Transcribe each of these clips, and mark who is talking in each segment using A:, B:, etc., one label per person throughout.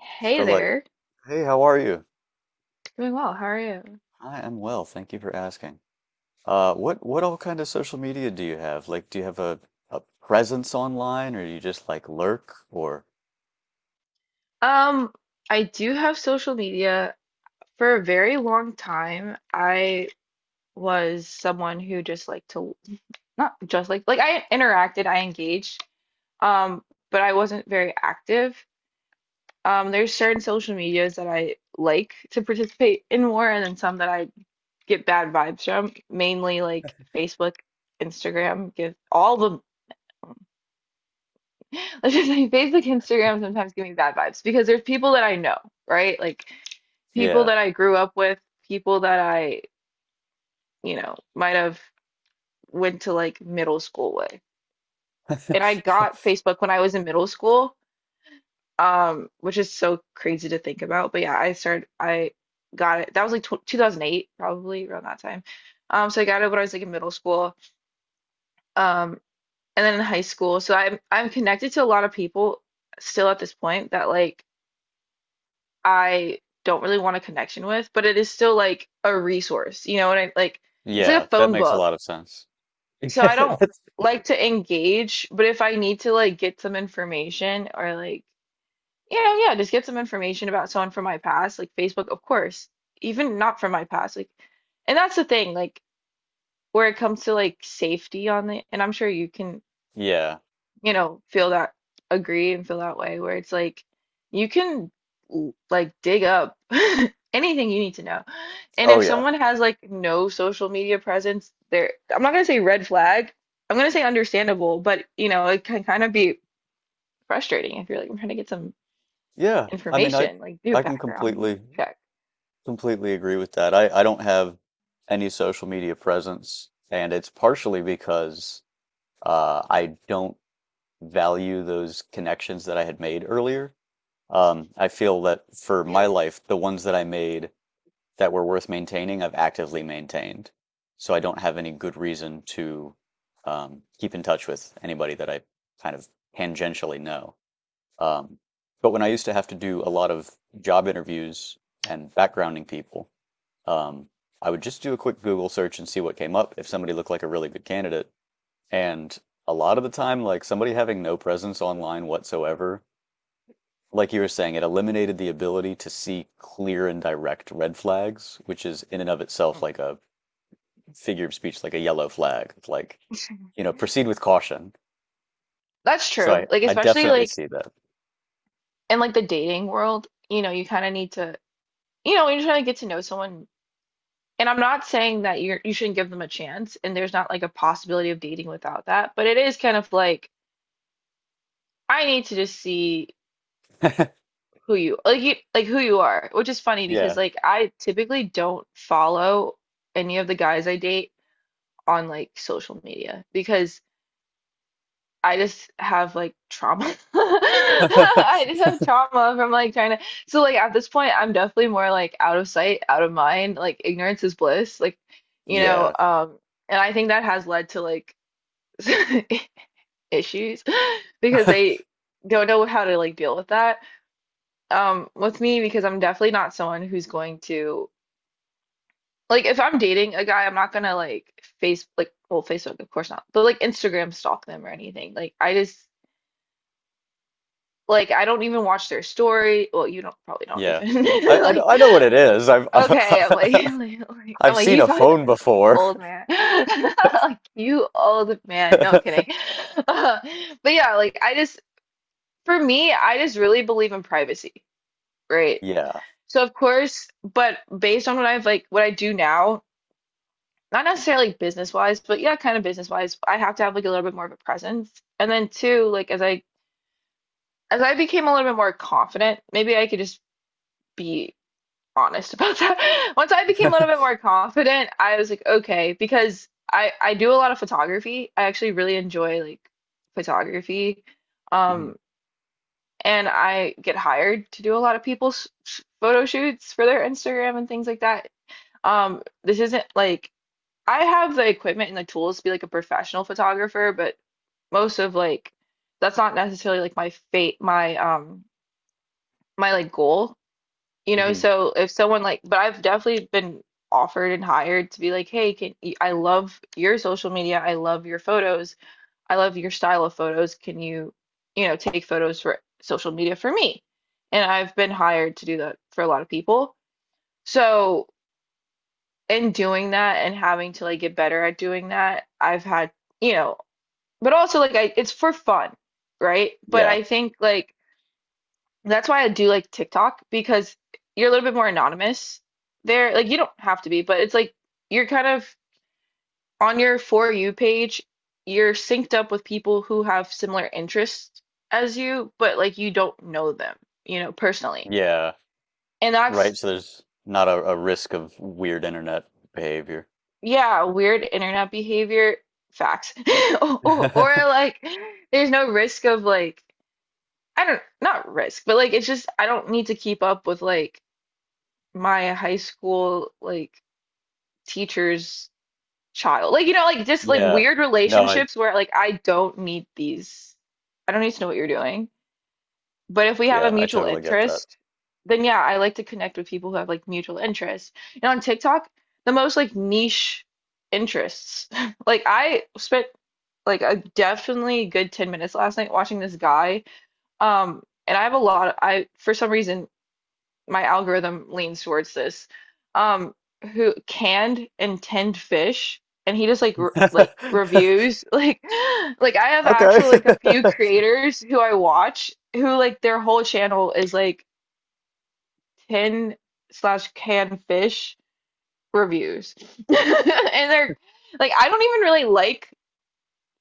A: Hey
B: So like,
A: there.
B: hey, how are you?
A: Doing well. How are you?
B: I am well, thank you for asking. What all kind of social media do you have? Like, do you have a presence online, or you just like lurk? Or
A: Um, I do have social media. For a very long time, I was someone who just liked to not just like I interacted, I engaged, um, but I wasn't very active. There's certain social medias that I like to participate in more, and then some that I get bad vibes from, mainly like Facebook, Instagram, give all the Let's just say Facebook, Instagram sometimes give me bad vibes because there's people that I know, right? Like people
B: yeah,
A: that I grew up with, people that I might have went to like middle school with. And I got Facebook when I was in middle school, which is so crazy to think about. But yeah, I started, I got it. That was like tw 2008, probably around that time. So I got it when I was like in middle school, um, and then in high school. So I'm connected to a lot of people still at this point that like I don't really want a connection with, but it is still like a resource, you know, and I like it's like
B: yeah,
A: a
B: that
A: phone
B: makes a lot
A: book.
B: of sense.
A: So
B: Yeah,
A: I don't
B: that's
A: like to engage, but if I need to like get some information or like, yeah, just get some information about someone from my past, like Facebook, of course, even not from my past, like, and that's the thing, like where it comes to like safety on the, and I'm sure you can
B: yeah.
A: feel that agree and feel that way where it's like you can like dig up anything you need to know. And
B: Oh
A: if
B: yeah.
A: someone has like no social media presence, there I'm not gonna say red flag. I'm gonna say understandable, but you know, it can kind of be frustrating if you're like, I'm trying to get some
B: Yeah. I mean,
A: information, like do a
B: I can
A: background
B: completely
A: check.
B: completely agree with that. I don't have any social media presence, and it's partially because I don't value those connections that I had made earlier. I feel that for my
A: Hmm.
B: life, the ones that I made that were worth maintaining, I've actively maintained. So I don't have any good reason to keep in touch with anybody that I kind of tangentially know. Um, but when I used to have to do a lot of job interviews and backgrounding people, um, I would just do a quick Google search and see what came up if somebody looked like a really good candidate. And a lot of the time, like somebody having no presence online whatsoever like you were saying, it eliminated the ability to see clear and direct red flags, which is in and of itself like a figure of speech, like a yellow flag. It's like, proceed with caution.
A: That's
B: So
A: true. Like
B: I
A: especially
B: definitely
A: like
B: see that.
A: in like the dating world, you kind of need to, when you're trying to get to know someone. And I'm not saying that you shouldn't give them a chance, and there's not like a possibility of dating without that, but it is kind of like I need to just see who you like who you are, which is funny because
B: Yeah.
A: like I typically don't follow any of the guys I date on like social media because I just have like trauma. I just have trauma from like trying to. So like at this point, I'm definitely more like out of sight, out of mind. Like ignorance is bliss. Like, you know,
B: Yeah.
A: um, and I think that has led to like issues because they don't know how to like deal with that. With me because I'm definitely not someone who's going to like if I'm dating a guy, I'm not gonna like face like well Facebook of course not, but like Instagram stalk them or anything. Like I just Like I don't even watch their story. Well, you don't probably don't
B: Yeah.
A: even
B: I,
A: like.
B: I, I know what it is.
A: Okay, I'm like, I'm
B: I've
A: like
B: seen
A: you
B: a
A: probably don't.
B: phone
A: You're like you
B: before.
A: old man, like you old man. No, I'm kidding. but yeah, like I just for me, I just really believe in privacy, right?
B: Yeah.
A: So of course, but based on what I've like what I do now, not necessarily business wise, but yeah, kind of business wise, I have to have like a little bit more of a presence. And then two, like as I became a little bit more confident, maybe I could just be honest about that. Once I became a little bit more confident, I was like, okay, because I do a lot of photography. I actually really enjoy like photography.
B: Hmm.
A: Um, and I get hired to do a lot of people's photo shoots for their Instagram and things like that. This isn't like I have the equipment and the tools to be like a professional photographer, but most of like that's not necessarily like my fate, my my like goal you know,
B: Hmm.
A: so if someone like, but I've definitely been offered and hired to be like, hey, can I love your social media? I love your photos. I love your style of photos. Can you, take photos for social media for me? And I've been hired to do that for a lot of people. So in doing that and having to like get better at doing that, I've had, you know, but also like I, it's for fun, right? But
B: Yeah.
A: I think like that's why I do like TikTok because you're a little bit more anonymous there. Like you don't have to be, but it's like you're kind of on your For You page, you're synced up with people who have similar interests as you, but like you don't know them, you know, personally.
B: Yeah.
A: And that's,
B: Right. So there's not a risk of weird internet behavior.
A: yeah, weird internet behavior facts. Or like there's no risk of like I don't not risk, but like it's just I don't need to keep up with like my high school like teachers child. Like, you know, like just like
B: Yeah.
A: weird
B: No, I
A: relationships where like I don't need these. I don't need to know what you're doing. But if we have a
B: yeah, I
A: mutual
B: totally get
A: interest, then yeah, I like to connect with people who have like mutual interests. And on TikTok, the most like niche interests. Like I spent like a definitely good 10 minutes last night watching this guy. And I have a lot of, I for some reason my algorithm leans towards this um who canned and tinned fish and he just like
B: that.
A: reviews like I have
B: Okay.
A: actually like a few creators who I watch who like their whole channel is like tin slash canned fish reviews and they're like I don't even really like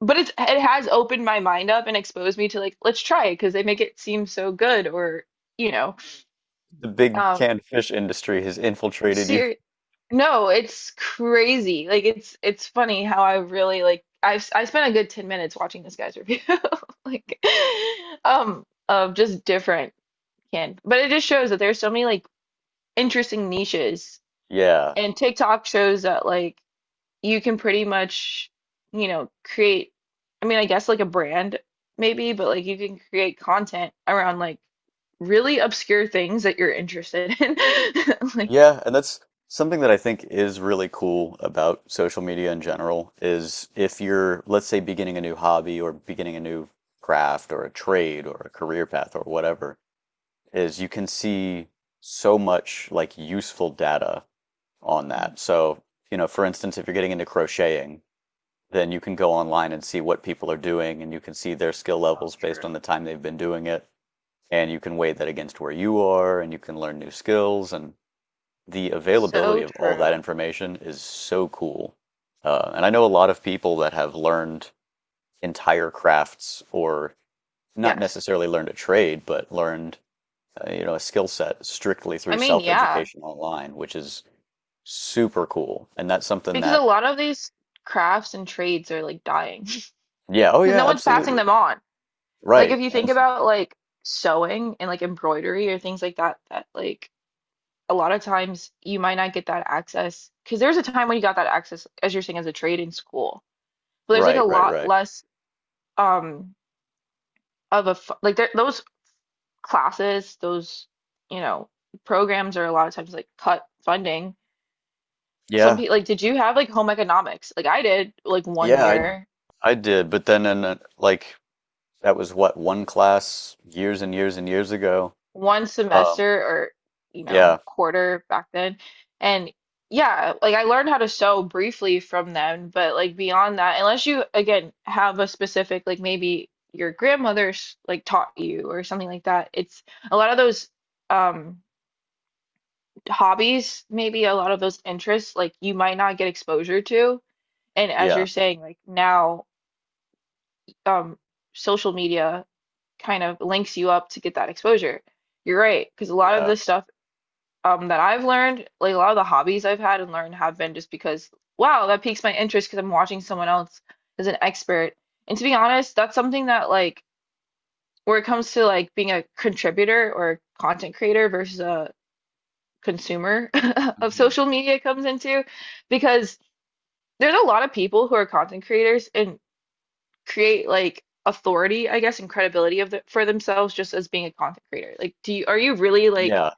A: but it's it has opened my mind up and exposed me to like let's try it because they make it seem so good or you know
B: The big
A: um
B: canned fish industry has infiltrated you.
A: No, it's crazy. Like it's funny how I really like I spent a good 10 minutes watching this guy's review like of just different can but it just shows that there's so many like interesting niches
B: Yeah.
A: and TikTok shows that like you can pretty much you know create I mean I guess like a brand maybe but like you can create content around like really obscure things that you're interested in like
B: Yeah, and that's something that I think is really cool about social media in general is if you're, let's say, beginning a new hobby or beginning a new craft or a trade or a career path or whatever, is you can see so much like useful data on
A: Mm,
B: that. So, you know, for instance, if you're getting into crocheting, then you can go online and see what people are doing and you can see their skill
A: So
B: levels based
A: true.
B: on the time they've been doing it and you can weigh that against where you are and you can learn new skills and the availability
A: So
B: of all that
A: true
B: information is so cool. And I know a lot of people that have learned entire crafts or not
A: Yes.
B: necessarily learned a trade but learned you know, a skill set strictly
A: I
B: through
A: mean, yeah,
B: self-education online, which is super cool, and that's something
A: because a
B: that
A: lot of these crafts and trades are like dying
B: yeah, oh
A: because no
B: yeah,
A: one's passing
B: absolutely
A: them on. Like
B: right.
A: if you
B: And
A: think about like sewing and like embroidery or things like that, that like a lot of times you might not get that access because there's a time when you got that access as you're saying as a trade in school. But there's like a
B: right right
A: lot
B: right
A: less um of a like there, those classes, those you know, programs are a lot of times like cut funding some
B: Yeah,
A: people like did you have like home economics like I did like one
B: yeah, I
A: year
B: I did, but then in a, like that was what, one class years and years and years ago.
A: one
B: Um,
A: semester or you
B: yeah,
A: know quarter back then and yeah like I learned how to sew briefly from them but like beyond that unless you again have a specific like maybe your grandmother's like taught you or something like that it's a lot of those um hobbies maybe a lot of those interests like you might not get exposure to and as
B: yeah,
A: you're saying like now um social media kind of links you up to get that exposure you're right because a lot of
B: yeah,
A: this stuff that I've learned, like a lot of the hobbies I've had and learned have been just because, wow, that piques my interest because I'm watching someone else as an expert. And to be honest, that's something that like where it comes to like being a contributor or a content creator versus a consumer of
B: hmm,
A: social media comes into because there's a lot of people who are content creators and create like authority, I guess, and credibility of the, for themselves just as being a content creator. Like, do you, are you really
B: yeah,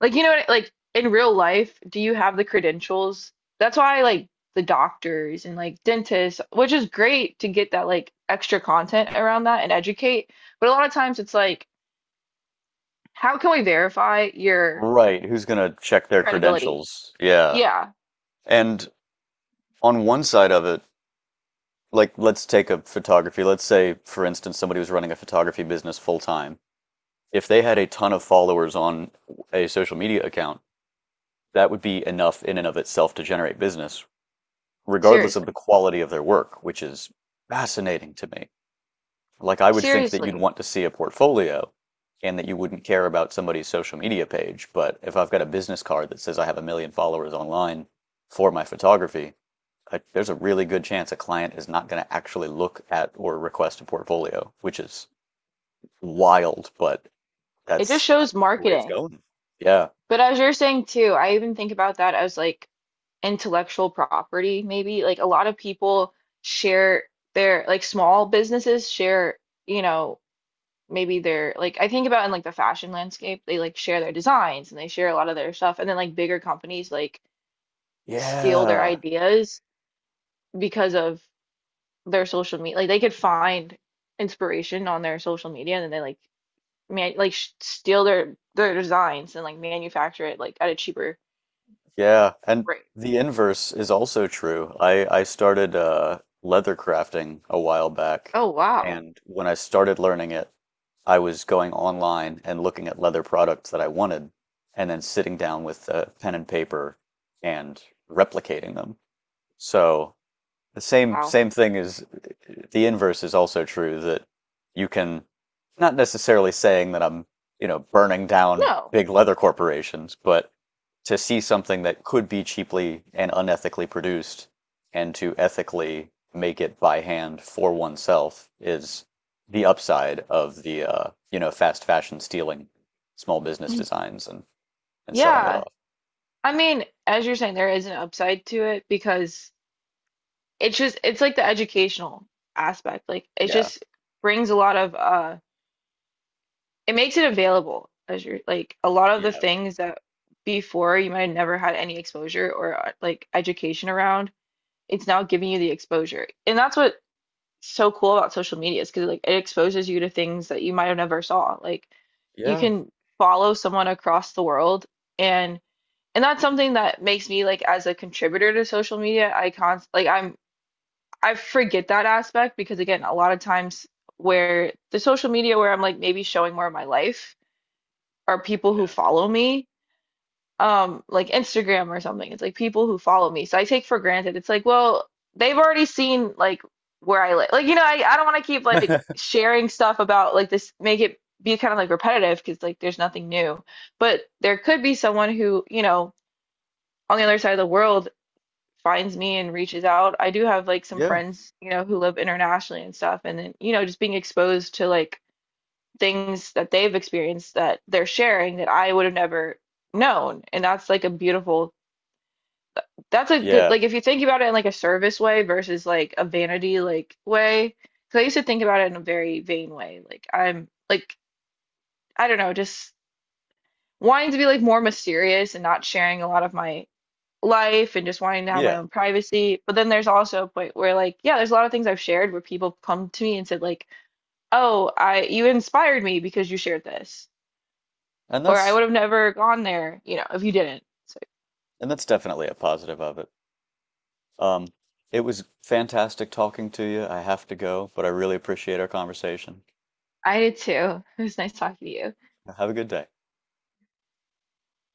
A: like, you know what, like in real life, do you have the credentials? That's why like the doctors and like dentists, which is great to get that like extra content around that and educate, but a lot of times it's like, how can we verify your
B: right. Who's gonna check their
A: credibility?
B: credentials? Yeah,
A: Yeah,
B: and on one side of it, like let's take a photography. Let's say, for instance, somebody was running a photography business full time. If they had a ton of followers on a social media account, that would be enough in and of itself to generate business, regardless of the
A: seriously.
B: quality of their work, which is fascinating to me. Like, I would think that you'd
A: Seriously.
B: want to see a portfolio and that you wouldn't care about somebody's social media page. But if I've got a business card that says I have a million followers online for my photography, there's a really good chance a client is not going to actually look at or request a portfolio, which is wild, but
A: It just
B: that's
A: shows
B: the way it's
A: marketing.
B: going. Yeah.
A: But as you're saying too, I even think about that as like intellectual property, maybe. Like a lot of people share their like small businesses share you know maybe they're like I think about in like the fashion landscape, they like share their designs and they share a lot of their stuff, and then like bigger companies like steal their
B: Yeah.
A: ideas because of their social media. Like they could find inspiration on their social media, and then they like man like sh steal their designs and like manufacture it like at a cheaper
B: Yeah, and
A: rate.
B: the inverse is also true. I started leather crafting a while back,
A: Oh wow,
B: and when I started learning it, I was going online and looking at leather products that I wanted, and then sitting down with pen and paper and replicating them. So the same
A: wow.
B: same thing is the inverse is also true, that you can not necessarily saying that you know, burning down
A: No,
B: big leather corporations, but to see something that could be cheaply and unethically produced and to ethically make it by hand for oneself is the upside of the you know, fast fashion stealing small business designs and selling it
A: yeah.
B: off.
A: I mean, as you're saying, there is an upside to it because it's just it's like the educational aspect like it
B: Yeah.
A: just brings a lot of it makes it available as you're like a lot of the
B: Yeah.
A: things that before you might have never had any exposure or like education around it's now giving you the exposure and that's what's so cool about social media is because like it exposes you to things that you might have never saw like you
B: Yeah.
A: can follow someone across the world and and that's something that makes me like as a contributor to social media I const like I'm I forget that aspect because again, a lot of times where the social media where I'm like maybe showing more of my life are people who
B: Yeah.
A: follow me, like Instagram or something. It's like people who follow me. So I take for granted. It's like, well, they've already seen like where I live. Like, you know, I don't want to keep like sharing stuff about like this, make it be kind of like repetitive because like there's nothing new. But there could be someone who, you know, on the other side of the world finds me and reaches out. I do have like some
B: Yeah.
A: friends, you know, who live internationally and stuff, and then, you know, just being exposed to like things that they've experienced that they're sharing that I would have never known. And that's like a beautiful, that's a good,
B: Yeah.
A: like if you think about it in like a service way versus like a vanity like way, because I used to think about it in a very vain way. Like I'm like, I don't know, just wanting to be like more mysterious and not sharing a lot of my life and just wanting to have my
B: Yeah.
A: own privacy. But then there's also a point where like, yeah, there's a lot of things I've shared where people come to me and said like, "Oh, I you inspired me because you shared this."
B: And
A: Or I
B: that's
A: would have never gone there, you know, if you didn't. So
B: and that's definitely a positive of it. Um, it was fantastic talking to you. I have to go, but I really appreciate our conversation.
A: I did too. It was nice talking to you.
B: Have a good day.